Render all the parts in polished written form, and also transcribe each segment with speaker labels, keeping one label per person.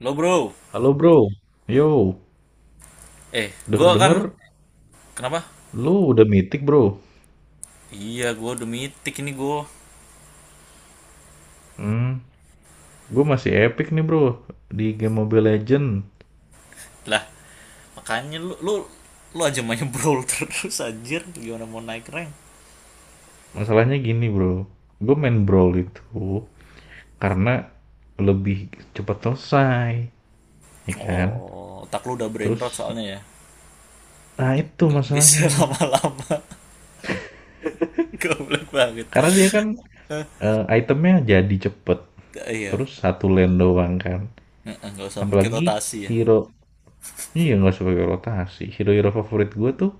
Speaker 1: Lo bro,
Speaker 2: Halo bro, yo,
Speaker 1: eh gua kan
Speaker 2: denger-denger
Speaker 1: kenapa?
Speaker 2: lu udah mythic bro.
Speaker 1: Iya, gua udah mitik ini gua.
Speaker 2: Hmm, gue masih epic nih bro di game Mobile Legend.
Speaker 1: Lah, makanya lu lu lu aja main brawl terus anjir, gimana mau naik rank?
Speaker 2: Masalahnya gini bro, gue main Brawl itu karena lebih cepat selesai, ya kan?
Speaker 1: Oh, otak lu udah brain rot
Speaker 2: Terus,
Speaker 1: soalnya ya.
Speaker 2: nah
Speaker 1: Nggak
Speaker 2: itu
Speaker 1: nggak bisa
Speaker 2: masalahnya.
Speaker 1: lama-lama. Goblok banget.
Speaker 2: Karena dia kan
Speaker 1: Eh.
Speaker 2: itemnya jadi cepet,
Speaker 1: Iya.
Speaker 2: terus satu lane doang kan.
Speaker 1: Eh, nggak usah mikir
Speaker 2: Apalagi
Speaker 1: rotasi ya.
Speaker 2: hero. Iya, nggak sebagai rotasi. Hero-hero favorit gue tuh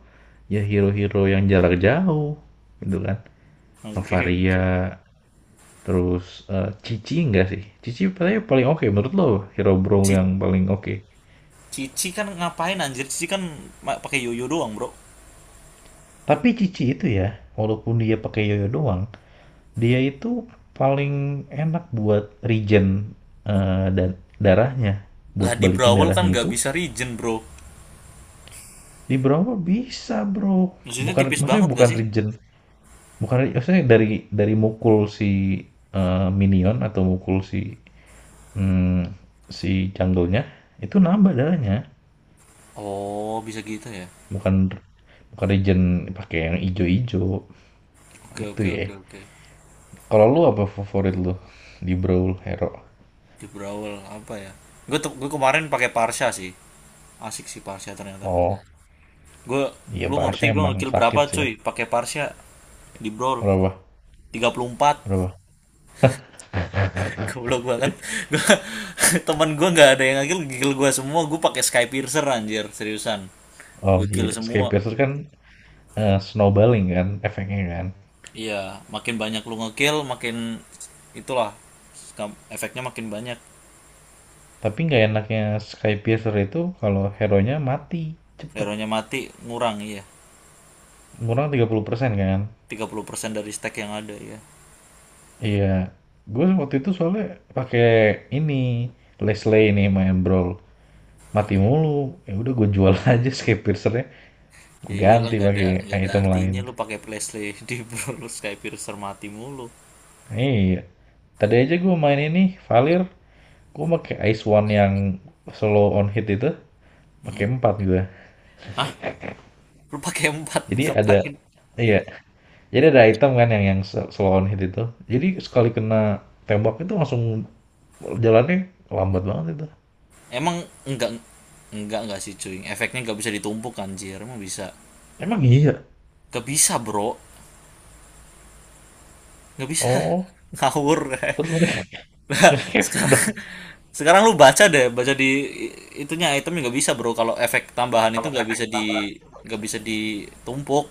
Speaker 2: ya hero-hero yang jarak jauh gitu kan.
Speaker 1: Oke oke.
Speaker 2: Novaria, terus Cici enggak sih? Cici paling paling oke menurut lo hero Brawl
Speaker 1: Ci-
Speaker 2: yang paling oke.
Speaker 1: Cici kan ngapain anjir? Cici kan pakai yoyo doang bro.
Speaker 2: Tapi Cici itu ya, walaupun dia pakai yoyo doang, dia itu paling enak buat regen, dan darahnya, buat
Speaker 1: Lah, di
Speaker 2: balikin
Speaker 1: Brawl kan
Speaker 2: darahnya
Speaker 1: nggak
Speaker 2: itu
Speaker 1: bisa regen bro.
Speaker 2: di Brawl bisa, Bro.
Speaker 1: Maksudnya
Speaker 2: Bukan
Speaker 1: tipis
Speaker 2: maksudnya
Speaker 1: banget gak
Speaker 2: bukan
Speaker 1: sih?
Speaker 2: regen. Bukan, maksudnya dari mukul si, minion atau mukul si, mmm, si jungle-nya, itu nambah darahnya.
Speaker 1: Oh bisa gitu ya.
Speaker 2: Bukan bukan regen pakai yang ijo-ijo,
Speaker 1: Oke
Speaker 2: itu
Speaker 1: oke
Speaker 2: ya.
Speaker 1: oke oke.
Speaker 2: Kalau lu apa favorit lu di Brawl Hero?
Speaker 1: Di Brawl apa ya? Gue tuh gue kemarin pakai Parsha sih. Asik sih Parsha ternyata.
Speaker 2: Oh,
Speaker 1: Gue
Speaker 2: iya
Speaker 1: Lu
Speaker 2: parasnya
Speaker 1: ngerti gue
Speaker 2: emang
Speaker 1: ngekill berapa
Speaker 2: sakit sih ya.
Speaker 1: cuy pakai Parsha di Brawl?
Speaker 2: Berapa
Speaker 1: 34.
Speaker 2: berapa?
Speaker 1: Goblok banget. Gua, temen gue nggak ada yang ngekill, kill gue semua. Gue pakai Skypiercer anjir, seriusan.
Speaker 2: Oh
Speaker 1: Gue kill
Speaker 2: iya,
Speaker 1: semua.
Speaker 2: Skypiercer kan, snowballing kan efeknya kan.
Speaker 1: Iya, makin banyak lu ngekill, makin itulah efeknya makin banyak.
Speaker 2: Tapi nggak enaknya Skypiercer itu kalau hero-nya mati cepet,
Speaker 1: Hero-nya mati, ngurang iya.
Speaker 2: kurang 30% kan.
Speaker 1: 30% dari stack yang ada ya.
Speaker 2: Iya, gue waktu itu soalnya pakai ini Leslie ini main Brawl mati mulu. Ya udah gue jual aja snapcaster, gue
Speaker 1: Ya iyalah,
Speaker 2: ganti
Speaker 1: nggak ada
Speaker 2: pakai
Speaker 1: nggak ada
Speaker 2: item lain.
Speaker 1: artinya lu pakai playlist di bro lu, Skypiercer mati mulu.
Speaker 2: Nah, iya, tadi aja gue main ini Valir, gue pakai Ice One yang slow on hit itu, pakai 4 gue.
Speaker 1: Hah? Lu pakai empat
Speaker 2: Jadi ada,
Speaker 1: ngapain?
Speaker 2: iya, jadi ada item kan yang slow on hit itu. Jadi sekali kena tembak itu langsung jalannya lambat banget itu.
Speaker 1: Emang enggak enggak sih cuy. Efeknya nggak bisa ditumpuk anjir. Emang bisa.
Speaker 2: Emang iya.
Speaker 1: Gak bisa, Bro. Nggak bisa.
Speaker 2: Oh,
Speaker 1: Ngawur.
Speaker 2: terus mereka
Speaker 1: Nah,
Speaker 2: ngefek
Speaker 1: sekarang
Speaker 2: dong.
Speaker 1: sekarang lu baca deh, baca di itunya, itemnya nggak bisa, Bro. Kalau efek tambahan itu nggak bisa nggak bisa ditumpuk.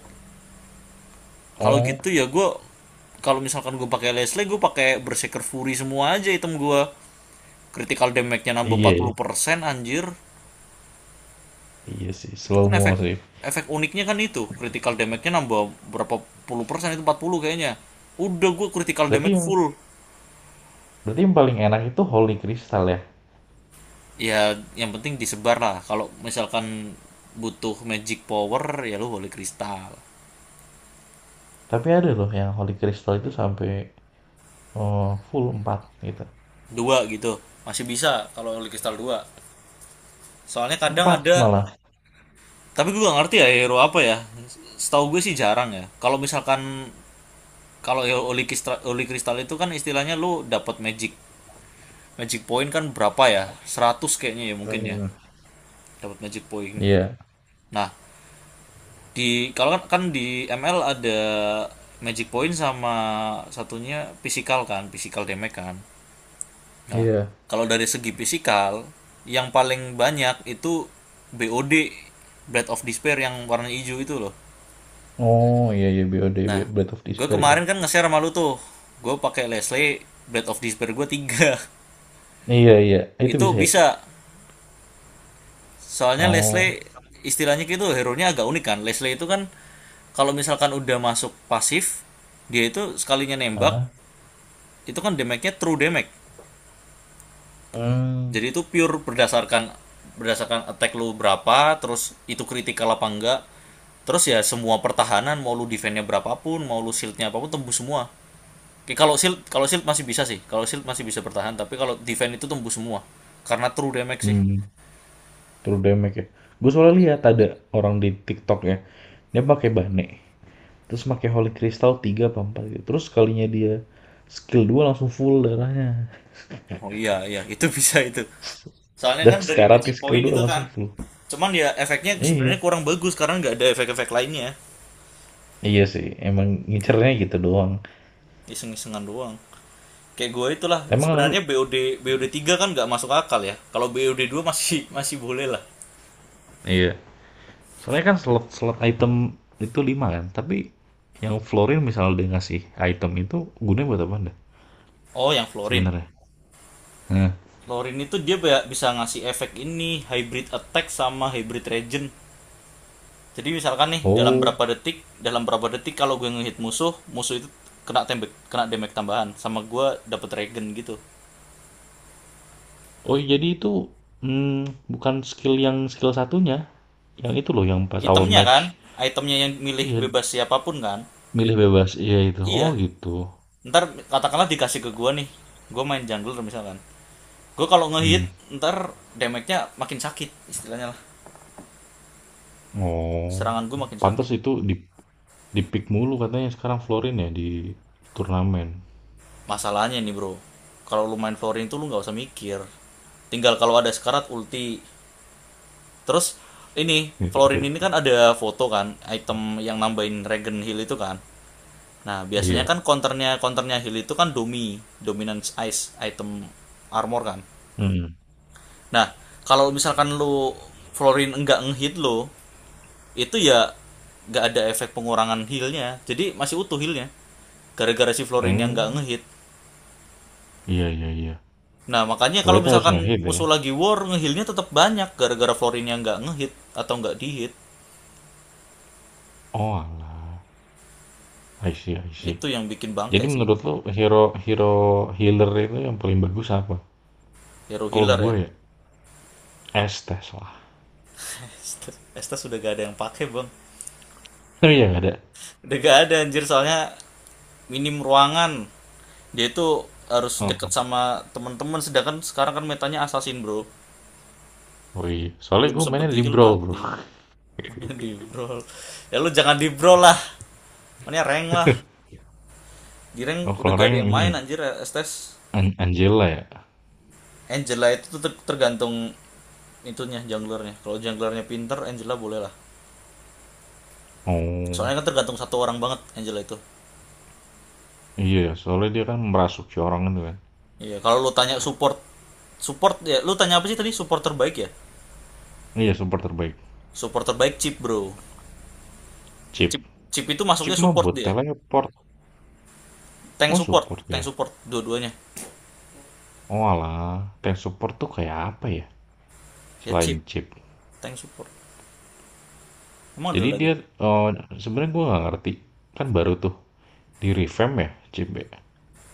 Speaker 1: Kalau
Speaker 2: Oh,
Speaker 1: gitu ya gue, kalau misalkan gue pakai Leslie gue pakai Berserker Fury semua aja item gue, critical damage-nya nambah
Speaker 2: iya ya.
Speaker 1: 40% anjir.
Speaker 2: Iya sih,
Speaker 1: Itu
Speaker 2: slow
Speaker 1: kan
Speaker 2: mo
Speaker 1: efek
Speaker 2: sih.
Speaker 1: efek uniknya kan, itu critical damage-nya nambah berapa puluh persen. Itu 40 kayaknya. Udah gue critical
Speaker 2: Berarti
Speaker 1: damage
Speaker 2: yang
Speaker 1: full.
Speaker 2: berarti yang paling enak itu Holy Crystal ya.
Speaker 1: Ya yang penting disebar lah, kalau misalkan butuh magic power ya lu holy crystal
Speaker 2: Tapi ada loh yang Holy Crystal itu sampai eh, full empat gitu.
Speaker 1: dua gitu, masih bisa. Kalau holy crystal dua, soalnya kadang
Speaker 2: Empat
Speaker 1: ada.
Speaker 2: malah.
Speaker 1: Tapi gue gak ngerti ya hero apa ya. Setahu gue sih jarang ya. Kalau misalkan, kalau hero Oli Kristal, itu kan istilahnya lu dapat magic magic point kan berapa ya? 100 kayaknya ya, mungkin ya.
Speaker 2: Hmm.
Speaker 1: Dapat magic point.
Speaker 2: Iya.
Speaker 1: Nah, kan di ML ada magic point sama satunya physical kan, physical damage kan. Nah,
Speaker 2: Iya.
Speaker 1: kalau dari segi physical yang paling banyak itu BOD, Blade of Despair yang warna hijau itu loh.
Speaker 2: Oh, iya iya BOD
Speaker 1: Nah,
Speaker 2: Breath of
Speaker 1: gue
Speaker 2: Despair ya.
Speaker 1: kemarin kan nge-share sama lu tuh. Gue pakai Leslie, Blade of Despair gue 3.
Speaker 2: Iya iya, itu
Speaker 1: Itu
Speaker 2: bisa ya.
Speaker 1: bisa. Soalnya
Speaker 2: Oh.
Speaker 1: Leslie istilahnya gitu, hero-nya agak unik kan. Leslie itu kan kalau misalkan udah masuk pasif, dia itu sekalinya nembak
Speaker 2: Ah.
Speaker 1: itu kan damage-nya true damage.
Speaker 2: Hmm.
Speaker 1: Jadi itu pure berdasarkan berdasarkan attack lu berapa, terus itu critical apa enggak. Terus ya semua pertahanan, mau lu defense-nya berapapun, mau lu shield-nya apapun, tembus semua. Oke, kalau shield masih bisa sih. Kalau shield masih bisa bertahan, tapi kalau defense itu tembus semua. Karena true damage sih.
Speaker 2: Hmm. True damage ya. Gue soalnya lihat ada orang di TikTok ya. Dia pakai bane. Terus pakai holy crystal 3 apa 4 gitu, terus kalinya dia skill 2 langsung full darahnya.
Speaker 1: Oh iya iya, itu bisa itu. Soalnya
Speaker 2: Darah
Speaker 1: kan dari
Speaker 2: sekarat nih,
Speaker 1: magic
Speaker 2: skill
Speaker 1: point
Speaker 2: 2
Speaker 1: itu
Speaker 2: langsung
Speaker 1: kan.
Speaker 2: full.
Speaker 1: Cuman ya efeknya sebenarnya
Speaker 2: Iya
Speaker 1: kurang bagus karena nggak ada efek-efek lainnya.
Speaker 2: iya sih, emang ngincernya gitu doang.
Speaker 1: Iseng-isengan doang. Kayak gue itulah
Speaker 2: Emang lalu,
Speaker 1: sebenarnya, BOD BOD 3 kan nggak masuk akal ya. Kalau BOD 2 masih masih boleh lah.
Speaker 2: iya, soalnya kan slot slot item itu 5 kan, tapi yang Florin misalnya dia ngasih item itu gunanya buat apa, anda
Speaker 1: Oh, yang Florin.
Speaker 2: sebenarnya. Hah.
Speaker 1: Florin itu dia bisa ngasih efek ini, hybrid attack sama hybrid regen. Jadi misalkan nih
Speaker 2: Oh
Speaker 1: dalam berapa detik kalau gue ngehit musuh, musuh itu kena tembak, kena damage tambahan, sama gue dapet regen gitu.
Speaker 2: oh jadi itu, hmm, bukan skill, yang skill satunya, yang itu loh yang pas awal
Speaker 1: Itemnya kan,
Speaker 2: match.
Speaker 1: itemnya yang milih
Speaker 2: Iya
Speaker 1: bebas siapapun kan.
Speaker 2: milih bebas, iya itu
Speaker 1: Iya.
Speaker 2: oh gitu.
Speaker 1: Ntar katakanlah dikasih ke gue nih, gue main jungler misalkan. Gue kalau ngehit,
Speaker 2: Hmm.
Speaker 1: ntar damage-nya makin sakit istilahnya lah.
Speaker 2: Oh,
Speaker 1: Serangan gue makin sakit.
Speaker 2: pantas itu di pick mulu katanya sekarang Florin ya di turnamen.
Speaker 1: Masalahnya nih bro, kalau lu main flooring tuh lu nggak usah mikir. Tinggal kalau ada sekarat, ulti. Terus ini Florin ini kan ada foto kan, item yang nambahin Regen heal itu kan. Nah, biasanya
Speaker 2: Iya,
Speaker 1: kan counternya counternya heal itu kan Domi, Dominance Ice, item armor kan.
Speaker 2: hmm
Speaker 1: Nah, kalau misalkan lu Florin enggak ngehit lo, itu ya nggak ada efek pengurangan healnya. Jadi masih utuh healnya, gara-gara si Florin yang
Speaker 2: hmm,
Speaker 1: nggak ngehit.
Speaker 2: iya iya iya,
Speaker 1: Nah, makanya kalau
Speaker 2: berarti harus
Speaker 1: misalkan
Speaker 2: nge-hit ya?
Speaker 1: musuh lagi war, ngehealnya tetap banyak gara-gara Florin yang nggak ngehit atau nggak dihit.
Speaker 2: Oalah, I see I see.
Speaker 1: Itu yang bikin bangke
Speaker 2: Jadi
Speaker 1: sih.
Speaker 2: menurut lo hero hero healer itu yang paling bagus apa?
Speaker 1: Hero
Speaker 2: Kalau
Speaker 1: healer
Speaker 2: gue
Speaker 1: ya.
Speaker 2: ya, Estes lah.
Speaker 1: Estes sudah gak ada yang pakai bang.
Speaker 2: Oh gak ada?
Speaker 1: Udah gak ada anjir, soalnya minim ruangan, dia itu harus deket
Speaker 2: Oh,
Speaker 1: sama teman-teman, sedangkan sekarang kan metanya assassin bro.
Speaker 2: oh iya, soalnya
Speaker 1: Belum
Speaker 2: gue
Speaker 1: sempet
Speaker 2: mainnya
Speaker 1: di
Speaker 2: di
Speaker 1: heal
Speaker 2: Brawl, Bro.
Speaker 1: mati. Mana di brawl. Ya lu jangan di brawl lah. Makanya rank lah. Di
Speaker 2: Oh
Speaker 1: rank udah
Speaker 2: kalau
Speaker 1: gak ada
Speaker 2: rank
Speaker 1: yang
Speaker 2: ini,
Speaker 1: main anjir Estes.
Speaker 2: Angela ya?
Speaker 1: Angela itu tuh tergantung itunya, junglernya. Kalau junglernya pinter, Angela boleh lah.
Speaker 2: Oh,
Speaker 1: Soalnya kan tergantung satu orang banget Angela itu.
Speaker 2: iya soalnya dia kan merasuki orang itu kan.
Speaker 1: Iya, kalau lu tanya support. Support ya, lu tanya apa sih tadi? Support terbaik ya?
Speaker 2: Iya, support terbaik.
Speaker 1: Support terbaik chip, Bro.
Speaker 2: Chip.
Speaker 1: Chip chip itu
Speaker 2: Chip
Speaker 1: masuknya
Speaker 2: mah
Speaker 1: support
Speaker 2: buat
Speaker 1: dia.
Speaker 2: teleport. Oh, support
Speaker 1: Tank
Speaker 2: dia.
Speaker 1: support dua-duanya.
Speaker 2: Oh alah, kayak support tuh kayak apa ya?
Speaker 1: Ya chip,
Speaker 2: Selain chip.
Speaker 1: tank support. Emang ada
Speaker 2: Jadi
Speaker 1: lagi?
Speaker 2: dia, oh, sebenarnya gue nggak ngerti. Kan baru tuh di revamp ya, chip ya.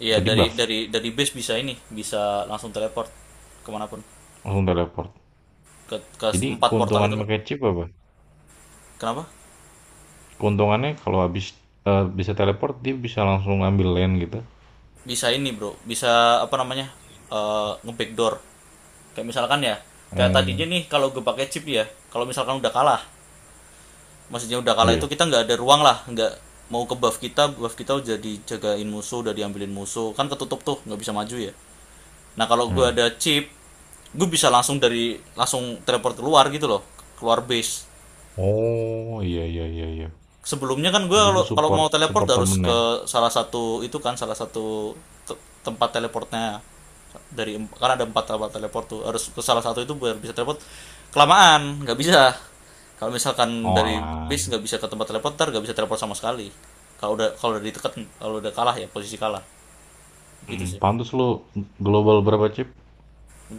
Speaker 1: Iya,
Speaker 2: Apa di
Speaker 1: dari
Speaker 2: buff?
Speaker 1: dari dari base bisa ini, bisa langsung teleport kemanapun,
Speaker 2: Langsung teleport.
Speaker 1: ke ke
Speaker 2: Jadi
Speaker 1: empat portal
Speaker 2: keuntungan
Speaker 1: itu kan.
Speaker 2: pakai chip apa?
Speaker 1: Kenapa?
Speaker 2: Keuntungannya kalau habis bisa teleport, dia bisa langsung ambil lane gitu.
Speaker 1: Bisa ini, Bro. Bisa apa namanya? Eh, nge-backdoor. Kayak misalkan ya, kayak tadinya
Speaker 2: Hmm,
Speaker 1: nih kalau gue pakai chip ya, kalau misalkan udah kalah, maksudnya udah kalah, itu
Speaker 2: iya.
Speaker 1: kita nggak ada ruang lah, nggak mau ke buff, kita buff kita udah dijagain musuh, udah diambilin musuh kan, ketutup tuh nggak bisa maju ya. Nah kalau gue
Speaker 2: Hmm.
Speaker 1: ada chip, gue bisa langsung dari langsung teleport keluar gitu loh, keluar base.
Speaker 2: Oh, iya iya iya iya.
Speaker 1: Sebelumnya kan gue,
Speaker 2: Jadi
Speaker 1: kalau
Speaker 2: lu
Speaker 1: kalau
Speaker 2: support
Speaker 1: mau teleport
Speaker 2: support
Speaker 1: harus
Speaker 2: temen ya.
Speaker 1: ke salah satu itu kan, salah satu tempat teleportnya, dari karena ada empat tempat teleport tuh harus ke salah satu itu biar bisa teleport. Kelamaan nggak bisa, kalau misalkan
Speaker 2: Oh
Speaker 1: dari base
Speaker 2: alah.
Speaker 1: nggak bisa ke tempat teleport, ntar nggak bisa teleport sama sekali. Kalau udah ditekan, kalau udah kalah ya, posisi kalah. Gitu
Speaker 2: Mm,
Speaker 1: sih.
Speaker 2: pantes lo global berapa chip?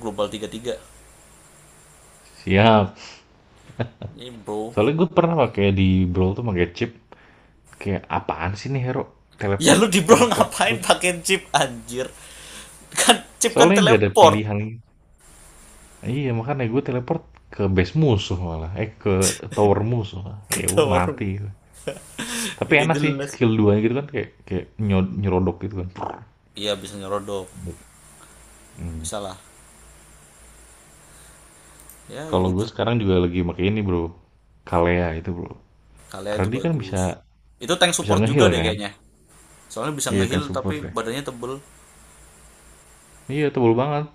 Speaker 1: Global tiga tiga
Speaker 2: Siap.
Speaker 1: ini bro.
Speaker 2: Soalnya gue pernah pakai di Brawl tuh pakai chip. Kayak apaan sih nih hero?
Speaker 1: Ya
Speaker 2: Teleport,
Speaker 1: lu di bro
Speaker 2: teleport
Speaker 1: ngapain
Speaker 2: terus.
Speaker 1: pakai chip anjir, kan chip kan
Speaker 2: Soalnya nggak ada
Speaker 1: teleport.
Speaker 2: pilihan. Iya makanya gue teleport ke base musuh malah. Eh, ke tower musuh, lah.
Speaker 1: Ke
Speaker 2: Ya gue
Speaker 1: tower.
Speaker 2: mati. Tapi
Speaker 1: Gak
Speaker 2: enak sih
Speaker 1: jelas.
Speaker 2: skill 2 gitu kan, kayak kayak nyerodok gitu kan.
Speaker 1: Iya bisa nyerodok,
Speaker 2: Hmm.
Speaker 1: bisa lah. Ya
Speaker 2: Kalau gue
Speaker 1: gitu.
Speaker 2: sekarang juga lagi pakai ini bro. Kalea itu bro.
Speaker 1: Kalea
Speaker 2: Karena
Speaker 1: itu
Speaker 2: dia kan
Speaker 1: bagus.
Speaker 2: bisa
Speaker 1: Itu tank
Speaker 2: bisa
Speaker 1: support juga
Speaker 2: ngeheal
Speaker 1: deh
Speaker 2: kan.
Speaker 1: kayaknya. Soalnya bisa
Speaker 2: Iya
Speaker 1: ngeheal
Speaker 2: tank
Speaker 1: tapi
Speaker 2: support ya.
Speaker 1: badannya tebel.
Speaker 2: Iya tebel banget.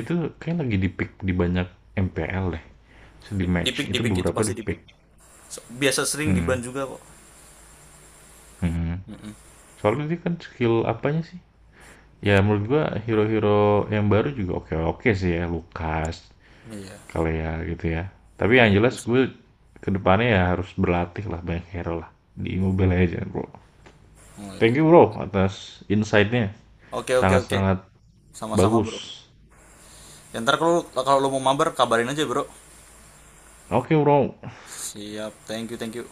Speaker 2: Itu kayaknya lagi di-pick di banyak MPL deh. Di match
Speaker 1: Dipik
Speaker 2: itu
Speaker 1: dipik itu
Speaker 2: beberapa
Speaker 1: pasti dipik.
Speaker 2: di-pick.
Speaker 1: Biasa sering
Speaker 2: Hmm,
Speaker 1: diban juga kok.
Speaker 2: hmm. Soalnya dia kan skill apanya sih? Ya menurut gua hero-hero yang baru juga oke-oke sih ya, Lukas,
Speaker 1: Iya,
Speaker 2: Kalea gitu ya. Tapi yang
Speaker 1: bagus
Speaker 2: jelas
Speaker 1: bagus lah.
Speaker 2: gue kedepannya ya harus berlatih lah banyak hero lah di Mobile Legends bro.
Speaker 1: Oh
Speaker 2: Thank
Speaker 1: iya.
Speaker 2: you bro atas insight-nya,
Speaker 1: Oke oke oke.
Speaker 2: sangat-sangat
Speaker 1: Sama-sama bro.
Speaker 2: bagus.
Speaker 1: Ya, ntar kalau kalau lu mau mabar kabarin aja bro.
Speaker 2: Oke bro.
Speaker 1: Siap. Thank you thank you.